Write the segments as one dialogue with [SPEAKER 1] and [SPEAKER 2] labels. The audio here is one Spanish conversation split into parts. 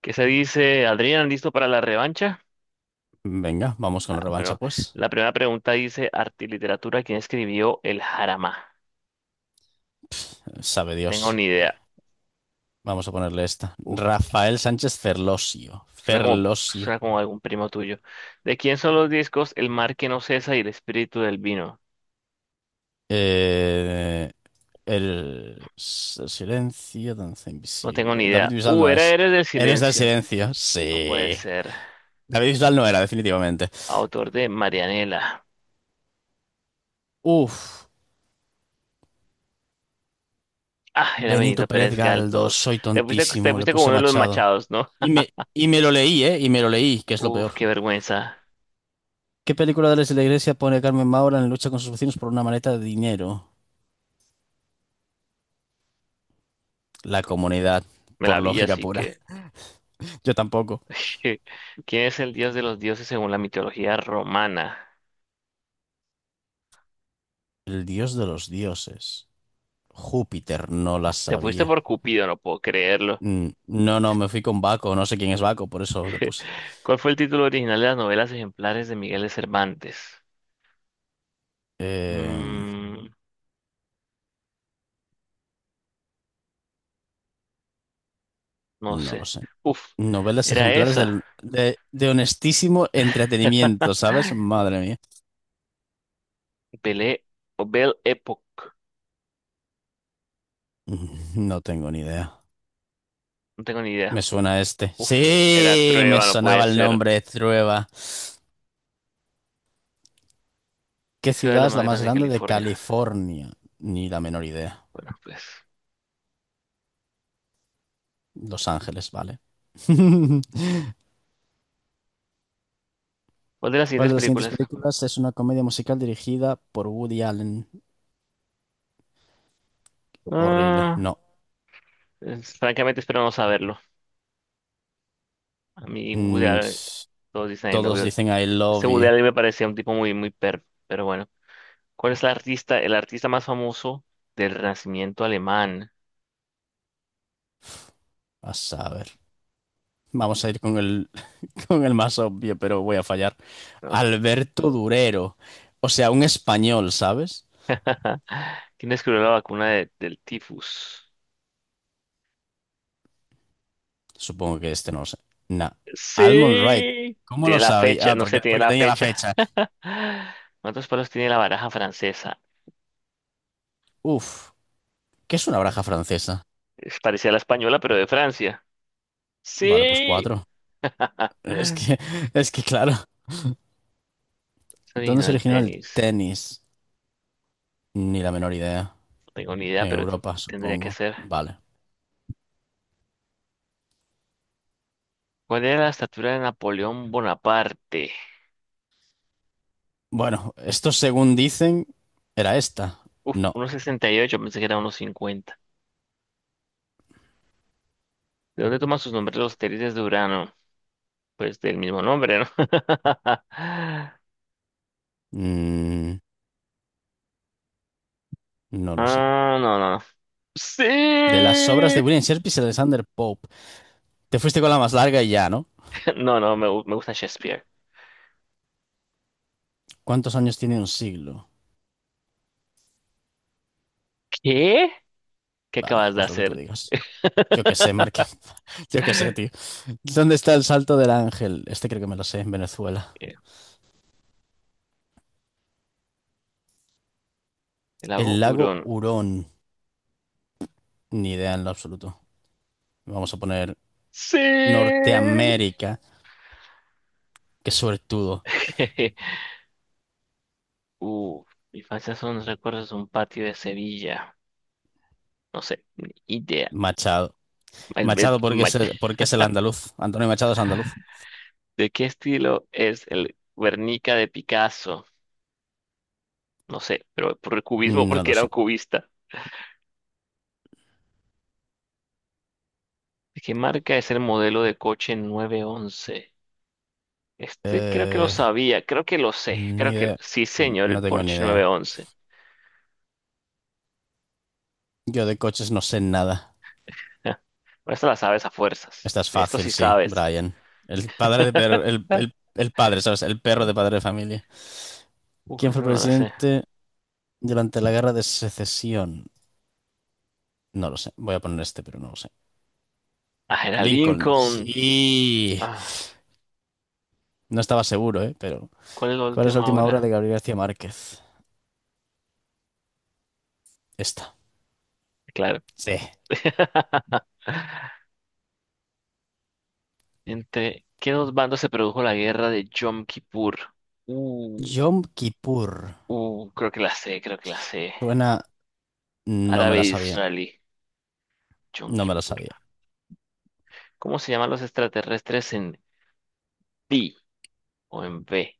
[SPEAKER 1] ¿Qué se dice, Adrián? ¿Listo para la revancha?
[SPEAKER 2] Venga, vamos con
[SPEAKER 1] Ah,
[SPEAKER 2] la revancha,
[SPEAKER 1] bueno,
[SPEAKER 2] pues.
[SPEAKER 1] la primera pregunta dice, arte y literatura, ¿quién escribió el Jarama?
[SPEAKER 2] Sabe
[SPEAKER 1] Tengo
[SPEAKER 2] Dios.
[SPEAKER 1] ni idea.
[SPEAKER 2] Vamos a ponerle esta.
[SPEAKER 1] Uf,
[SPEAKER 2] Rafael Sánchez Ferlosio.
[SPEAKER 1] Suena como,
[SPEAKER 2] Ferlosio.
[SPEAKER 1] suena como algún primo tuyo. ¿De quién son los discos El mar que no cesa y El espíritu del vino?
[SPEAKER 2] Eh, el silencio, danza
[SPEAKER 1] No tengo ni
[SPEAKER 2] invisible. David
[SPEAKER 1] idea.
[SPEAKER 2] Bisbal no
[SPEAKER 1] Era
[SPEAKER 2] es.
[SPEAKER 1] Eres del
[SPEAKER 2] Héroes del
[SPEAKER 1] silencio.
[SPEAKER 2] silencio.
[SPEAKER 1] No puede
[SPEAKER 2] Sí.
[SPEAKER 1] ser.
[SPEAKER 2] David Bisbal no era, definitivamente.
[SPEAKER 1] Autor de Marianela.
[SPEAKER 2] Uf.
[SPEAKER 1] Ah, era
[SPEAKER 2] Benito
[SPEAKER 1] Benito
[SPEAKER 2] Pérez
[SPEAKER 1] Pérez
[SPEAKER 2] Galdós.
[SPEAKER 1] Galdós.
[SPEAKER 2] Soy
[SPEAKER 1] Te
[SPEAKER 2] tontísimo. Le
[SPEAKER 1] fuiste como
[SPEAKER 2] puse
[SPEAKER 1] uno de los
[SPEAKER 2] Machado.
[SPEAKER 1] Machados, ¿no?
[SPEAKER 2] Y me, y me lo leí, ¿eh? Y me lo leí, que es lo
[SPEAKER 1] Uf,
[SPEAKER 2] peor.
[SPEAKER 1] qué vergüenza.
[SPEAKER 2] ¿Qué película de la Iglesia pone Carmen Maura en lucha con sus vecinos por una maleta de dinero? La comunidad,
[SPEAKER 1] Me
[SPEAKER 2] por
[SPEAKER 1] la vi,
[SPEAKER 2] lógica
[SPEAKER 1] así
[SPEAKER 2] pura.
[SPEAKER 1] que...
[SPEAKER 2] Yo tampoco.
[SPEAKER 1] ¿Qué- ¿Quién es el dios de los dioses según la mitología romana?
[SPEAKER 2] El dios de los dioses. Júpiter no la
[SPEAKER 1] Te fuiste
[SPEAKER 2] sabía.
[SPEAKER 1] por Cupido, no puedo creerlo.
[SPEAKER 2] No, no, me fui con Baco. No sé quién es Baco, por eso le puse.
[SPEAKER 1] ¿Cuál fue el título original de las novelas ejemplares de Miguel de Cervantes?
[SPEAKER 2] Eh,
[SPEAKER 1] Mm, no
[SPEAKER 2] no
[SPEAKER 1] sé.
[SPEAKER 2] lo sé.
[SPEAKER 1] Uf,
[SPEAKER 2] Novelas
[SPEAKER 1] era
[SPEAKER 2] ejemplares
[SPEAKER 1] esa.
[SPEAKER 2] de honestísimo entretenimiento, ¿sabes? Madre mía.
[SPEAKER 1] Belé o Belle Époque.
[SPEAKER 2] No tengo ni idea.
[SPEAKER 1] No tengo ni
[SPEAKER 2] Me
[SPEAKER 1] idea.
[SPEAKER 2] suena este.
[SPEAKER 1] Uf, era
[SPEAKER 2] Sí, me
[SPEAKER 1] Trueba, no
[SPEAKER 2] sonaba
[SPEAKER 1] puede
[SPEAKER 2] el
[SPEAKER 1] ser.
[SPEAKER 2] nombre, Trueba.
[SPEAKER 1] ¿Qué
[SPEAKER 2] ¿Qué
[SPEAKER 1] ciudad es la
[SPEAKER 2] ciudad es
[SPEAKER 1] más
[SPEAKER 2] la más
[SPEAKER 1] grande de
[SPEAKER 2] grande de
[SPEAKER 1] California?
[SPEAKER 2] California? Ni la menor idea.
[SPEAKER 1] Bueno, pues.
[SPEAKER 2] Los Ángeles, vale.
[SPEAKER 1] ¿Cuál de las
[SPEAKER 2] ¿Cuál
[SPEAKER 1] siguientes
[SPEAKER 2] de las siguientes
[SPEAKER 1] películas?
[SPEAKER 2] películas es una comedia musical dirigida por Woody Allen? Horrible.
[SPEAKER 1] Ah,
[SPEAKER 2] No.
[SPEAKER 1] Francamente espero no saberlo. A mí, Woody,
[SPEAKER 2] Mm, s-
[SPEAKER 1] todos dicen I love
[SPEAKER 2] Todos
[SPEAKER 1] you.
[SPEAKER 2] dicen I
[SPEAKER 1] Este
[SPEAKER 2] love
[SPEAKER 1] Woody
[SPEAKER 2] you.
[SPEAKER 1] Allen me parecía un tipo muy, muy perro, pero bueno. ¿Cuál es el artista más famoso del Renacimiento alemán?
[SPEAKER 2] A saber. Vamos a ir con el, con el más obvio, pero voy a fallar.
[SPEAKER 1] ¿No?
[SPEAKER 2] Alberto Durero. O sea, un español, ¿sabes?
[SPEAKER 1] ¿Quién descubrió la vacuna del tifus?
[SPEAKER 2] Supongo que este no lo sé. Nah. Almond Wright.
[SPEAKER 1] Sí.
[SPEAKER 2] ¿Cómo
[SPEAKER 1] Tiene
[SPEAKER 2] lo
[SPEAKER 1] la fecha,
[SPEAKER 2] sabía? Ah,
[SPEAKER 1] no sé, tiene
[SPEAKER 2] porque
[SPEAKER 1] la
[SPEAKER 2] tenía la
[SPEAKER 1] fecha.
[SPEAKER 2] fecha.
[SPEAKER 1] ¿Cuántos palos tiene la baraja francesa?
[SPEAKER 2] Uf. ¿Qué es una baraja francesa?
[SPEAKER 1] Es parecida a la española, pero de Francia.
[SPEAKER 2] Vale, pues
[SPEAKER 1] Sí.
[SPEAKER 2] cuatro.
[SPEAKER 1] Ah,
[SPEAKER 2] Es que, es que claro.
[SPEAKER 1] es
[SPEAKER 2] ¿Dónde
[SPEAKER 1] original
[SPEAKER 2] se
[SPEAKER 1] del
[SPEAKER 2] originó el
[SPEAKER 1] tenis.
[SPEAKER 2] tenis? Ni la menor idea.
[SPEAKER 1] No tengo ni idea,
[SPEAKER 2] En
[SPEAKER 1] pero
[SPEAKER 2] Europa,
[SPEAKER 1] tendría que
[SPEAKER 2] supongo.
[SPEAKER 1] ser.
[SPEAKER 2] Vale.
[SPEAKER 1] ¿Cuál era la estatura de Napoleón Bonaparte?
[SPEAKER 2] Bueno, esto según dicen, era esta.
[SPEAKER 1] Uf,
[SPEAKER 2] No.
[SPEAKER 1] unos sesenta y ocho, pensé que era unos cincuenta. ¿De dónde toman sus nombres los satélites de Urano? Pues del mismo nombre, ¿no?
[SPEAKER 2] Mm, no lo sé.
[SPEAKER 1] Ah, no, no, no.
[SPEAKER 2] De las obras de
[SPEAKER 1] Sí.
[SPEAKER 2] William Shakespeare y Alexander Pope. Te fuiste con la más larga y ya, ¿no?
[SPEAKER 1] No, me gusta Shakespeare.
[SPEAKER 2] ¿Cuántos años tiene un siglo?
[SPEAKER 1] ¿Qué? ¿Qué
[SPEAKER 2] Vale,
[SPEAKER 1] acabas de
[SPEAKER 2] pues lo que tú
[SPEAKER 1] hacer?
[SPEAKER 2] digas. Yo qué sé, Marque. Yo qué sé, tío. ¿Dónde está el Salto del Ángel? Este creo que me lo sé, en Venezuela.
[SPEAKER 1] Eh, el
[SPEAKER 2] El
[SPEAKER 1] lago
[SPEAKER 2] lago
[SPEAKER 1] Hurón.
[SPEAKER 2] Hurón. Ni idea en lo absoluto. Vamos a poner
[SPEAKER 1] Sí.
[SPEAKER 2] Norteamérica. Qué suertudo.
[SPEAKER 1] Uf, mi infancia son los recuerdos de un patio de Sevilla. No sé, ni idea.
[SPEAKER 2] Machado.
[SPEAKER 1] El- el-
[SPEAKER 2] Machado,
[SPEAKER 1] ma-
[SPEAKER 2] porque es el andaluz. Antonio Machado es andaluz.
[SPEAKER 1] ¿De qué estilo es el Guernica de Picasso? No sé, pero por el cubismo,
[SPEAKER 2] No
[SPEAKER 1] porque
[SPEAKER 2] lo
[SPEAKER 1] era un
[SPEAKER 2] sé.
[SPEAKER 1] cubista. ¿De qué marca es el modelo de coche 911? Este creo que lo
[SPEAKER 2] Eh,
[SPEAKER 1] sabía, creo que lo sé,
[SPEAKER 2] ni
[SPEAKER 1] creo que
[SPEAKER 2] idea.
[SPEAKER 1] sí, señor,
[SPEAKER 2] No
[SPEAKER 1] el
[SPEAKER 2] tengo ni
[SPEAKER 1] Porsche
[SPEAKER 2] idea.
[SPEAKER 1] 911.
[SPEAKER 2] Yo de coches no sé nada.
[SPEAKER 1] Ah, pero esta la sabes a fuerzas.
[SPEAKER 2] Esta es
[SPEAKER 1] De esto
[SPEAKER 2] fácil,
[SPEAKER 1] sí
[SPEAKER 2] sí,
[SPEAKER 1] sabes.
[SPEAKER 2] Brian.
[SPEAKER 1] Ah.
[SPEAKER 2] El padre, ¿sabes? El perro de padre de familia.
[SPEAKER 1] Uf,
[SPEAKER 2] ¿Quién fue
[SPEAKER 1] esa
[SPEAKER 2] el
[SPEAKER 1] no la sé.
[SPEAKER 2] presidente durante la guerra de secesión? No lo sé. Voy a poner este, pero no lo sé.
[SPEAKER 1] Ah, era
[SPEAKER 2] Lincoln.
[SPEAKER 1] Lincoln.
[SPEAKER 2] Sí.
[SPEAKER 1] Ah,
[SPEAKER 2] No estaba seguro, ¿eh? Pero.
[SPEAKER 1] ¿cuál es la
[SPEAKER 2] ¿Cuál es la
[SPEAKER 1] última
[SPEAKER 2] última obra
[SPEAKER 1] hora?
[SPEAKER 2] de Gabriel García Márquez? Esta.
[SPEAKER 1] Claro.
[SPEAKER 2] Sí.
[SPEAKER 1] ¿Entre qué dos bandos se produjo la guerra de Yom Kippur? Uh,
[SPEAKER 2] Yom Kippur.
[SPEAKER 1] Creo que la sé, creo que la sé.
[SPEAKER 2] Suena No me la sabía.
[SPEAKER 1] Árabe-israelí. Yom
[SPEAKER 2] No me la
[SPEAKER 1] Kippur.
[SPEAKER 2] sabía.
[SPEAKER 1] ¿Cómo se llaman los extraterrestres en B o en B?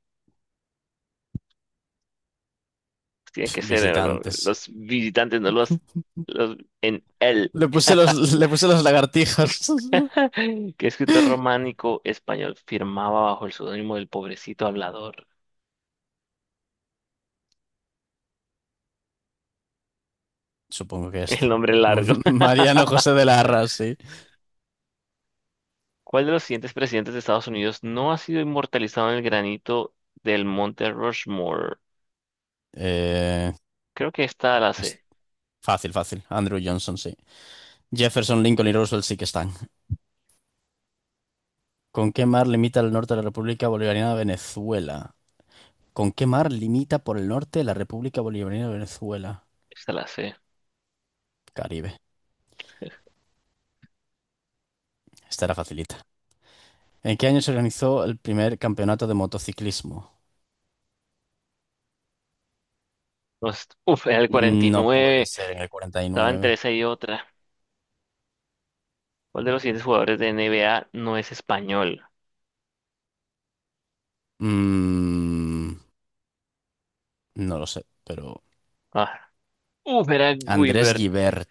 [SPEAKER 1] Pues tienen
[SPEAKER 2] Pf,
[SPEAKER 1] que ser
[SPEAKER 2] visitantes.
[SPEAKER 1] los visitantes, no los, los en L.
[SPEAKER 2] Le puse los lagartijas.
[SPEAKER 1] ¿Qué escritor románico español firmaba bajo el seudónimo del pobrecito hablador?
[SPEAKER 2] Supongo que
[SPEAKER 1] El
[SPEAKER 2] este.
[SPEAKER 1] nombre largo.
[SPEAKER 2] Mariano José de Larra, sí.
[SPEAKER 1] ¿Cuál de los siguientes presidentes de Estados Unidos no ha sido inmortalizado en el granito del Monte Rushmore?
[SPEAKER 2] Eh,
[SPEAKER 1] Creo que esta la
[SPEAKER 2] es
[SPEAKER 1] C,
[SPEAKER 2] fácil, fácil. Andrew Johnson, sí. Jefferson, Lincoln y Roosevelt sí que están. ¿Con qué mar limita el norte de la República Bolivariana de Venezuela? ¿Con qué mar limita por el norte la República Bolivariana de Venezuela?
[SPEAKER 1] esta la C.
[SPEAKER 2] Caribe. Esta era facilita. ¿En qué año se organizó el primer campeonato de motociclismo?
[SPEAKER 1] Uf, era el
[SPEAKER 2] No puede
[SPEAKER 1] 49.
[SPEAKER 2] ser en el
[SPEAKER 1] Estaba entre
[SPEAKER 2] 49.
[SPEAKER 1] esa y otra. ¿Cuál de los siguientes jugadores de NBA no es español?
[SPEAKER 2] Mm, no lo sé, pero
[SPEAKER 1] Ah, Uf, era
[SPEAKER 2] Andrés
[SPEAKER 1] Guibert.
[SPEAKER 2] Guibert.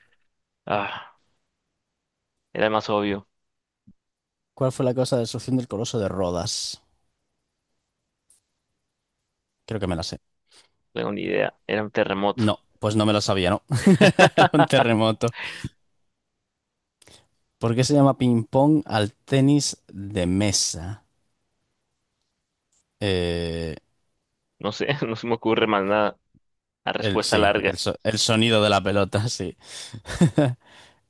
[SPEAKER 1] Ah, era el más obvio.
[SPEAKER 2] ¿Cuál fue la causa de la destrucción del Coloso de Rodas? Creo que me la sé.
[SPEAKER 1] No tengo ni idea. Era un terremoto.
[SPEAKER 2] No, pues no me la sabía, ¿no? Un terremoto. ¿Por qué se llama ping-pong al tenis de mesa? Eh,
[SPEAKER 1] No sé, no se me ocurre más nada. La respuesta larga.
[SPEAKER 2] el, el sonido de la pelota, sí.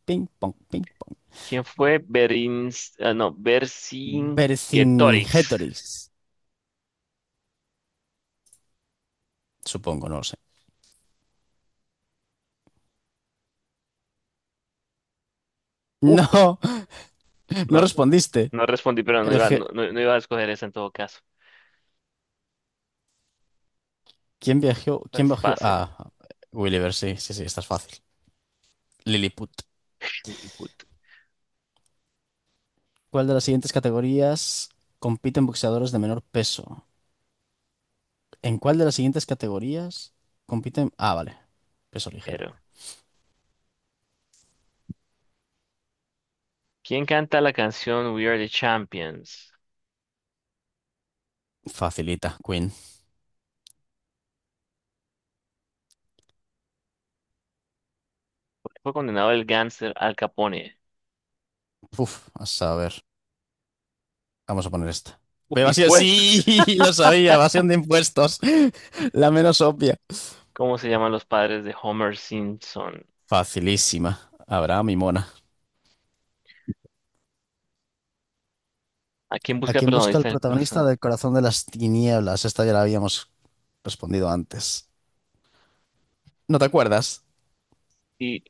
[SPEAKER 2] Ping-pong, ping-pong.
[SPEAKER 1] ¿Quién fue Berins, ah, no, Vercingetorix?
[SPEAKER 2] Vercingetorix, supongo, no lo sé.
[SPEAKER 1] Uf,
[SPEAKER 2] No, no
[SPEAKER 1] no,
[SPEAKER 2] respondiste.
[SPEAKER 1] no respondí, pero no
[SPEAKER 2] El,
[SPEAKER 1] iba, no iba a escoger esa en todo caso.
[SPEAKER 2] ¿Quién viajó?
[SPEAKER 1] Esta
[SPEAKER 2] ¿Quién
[SPEAKER 1] es
[SPEAKER 2] bajó
[SPEAKER 1] fácil.
[SPEAKER 2] Ah, Gulliver, sí, sí, sí, esta es fácil. Lilliput. ¿Cuál de las siguientes categorías compiten boxeadores de menor peso? ¿En cuál de las siguientes categorías compiten? Ah, vale. Peso ligero.
[SPEAKER 1] Pero, ¿quién canta la canción We Are the Champions?
[SPEAKER 2] Facilita, Queen.
[SPEAKER 1] ¿Por qué fue condenado el gánster Al Capone?
[SPEAKER 2] Uf, a saber. Vamos a poner esta.
[SPEAKER 1] Uf,
[SPEAKER 2] Pero así,
[SPEAKER 1] impuestos.
[SPEAKER 2] sí, lo sabía, evasión de impuestos. La menos obvia.
[SPEAKER 1] ¿Cómo se llaman los padres de Homer Simpson?
[SPEAKER 2] Facilísima. Abraham y Mona.
[SPEAKER 1] ¿A quién
[SPEAKER 2] ¿A
[SPEAKER 1] busca
[SPEAKER 2] quién busca el
[SPEAKER 1] protagonista del
[SPEAKER 2] protagonista
[SPEAKER 1] corazón?
[SPEAKER 2] del Corazón de las Tinieblas? Esta ya la habíamos respondido antes. ¿No te acuerdas?
[SPEAKER 1] Sí,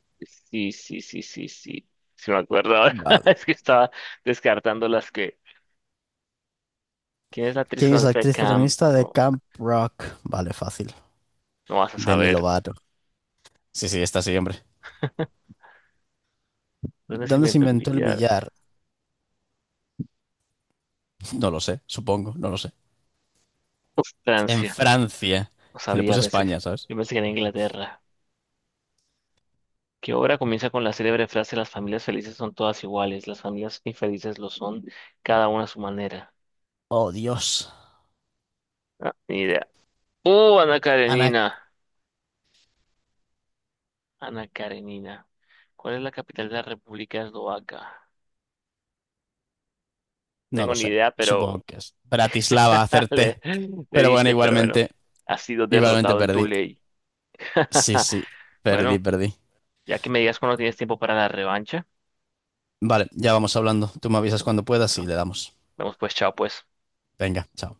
[SPEAKER 1] sí, sí, sí, sí, sí. Si me acuerdo ahora.
[SPEAKER 2] Vale.
[SPEAKER 1] Es que estaba descartando las que. ¿Quién es la actriz
[SPEAKER 2] ¿Quién es la
[SPEAKER 1] protagonista de
[SPEAKER 2] actriz
[SPEAKER 1] Camp?
[SPEAKER 2] protagonista de
[SPEAKER 1] Rock?
[SPEAKER 2] Camp Rock? Vale, fácil.
[SPEAKER 1] No, vas a
[SPEAKER 2] Demi
[SPEAKER 1] saber.
[SPEAKER 2] Lovato. Sí, sí, está sí, hombre.
[SPEAKER 1] ¿Dónde se
[SPEAKER 2] ¿Dónde se
[SPEAKER 1] inventó el
[SPEAKER 2] inventó el
[SPEAKER 1] billar?
[SPEAKER 2] billar? No lo sé, supongo, no lo sé.
[SPEAKER 1] Uf,
[SPEAKER 2] En
[SPEAKER 1] Francia.
[SPEAKER 2] Francia.
[SPEAKER 1] No
[SPEAKER 2] Le
[SPEAKER 1] sabía,
[SPEAKER 2] puse
[SPEAKER 1] pensé.
[SPEAKER 2] España, ¿sabes?
[SPEAKER 1] Yo pensé que era Inglaterra. ¿Qué obra comienza con la célebre frase Las familias felices son todas iguales, las familias infelices lo son, cada una a su manera?
[SPEAKER 2] Oh, Dios.
[SPEAKER 1] Ah, ni idea. ¡Uh, Ana
[SPEAKER 2] Ana.
[SPEAKER 1] Karenina! Ana Karenina. ¿Cuál es la capital de la República Eslovaca?
[SPEAKER 2] No
[SPEAKER 1] Tengo
[SPEAKER 2] lo
[SPEAKER 1] ni
[SPEAKER 2] sé.
[SPEAKER 1] idea, pero
[SPEAKER 2] Supongo que es Bratislava,
[SPEAKER 1] le,
[SPEAKER 2] acerté.
[SPEAKER 1] le
[SPEAKER 2] Pero bueno,
[SPEAKER 1] diste, pero bueno,
[SPEAKER 2] igualmente,
[SPEAKER 1] has sido
[SPEAKER 2] igualmente
[SPEAKER 1] derrotado en tu
[SPEAKER 2] perdí.
[SPEAKER 1] ley.
[SPEAKER 2] Sí, sí, perdí,
[SPEAKER 1] Bueno,
[SPEAKER 2] perdí.
[SPEAKER 1] ya que me digas cuando tienes tiempo para la revancha,
[SPEAKER 2] Vale, ya vamos hablando. Tú me avisas
[SPEAKER 1] listo.
[SPEAKER 2] cuando puedas y
[SPEAKER 1] Bueno,
[SPEAKER 2] le damos.
[SPEAKER 1] vamos pues, chao pues.
[SPEAKER 2] Venga, chao.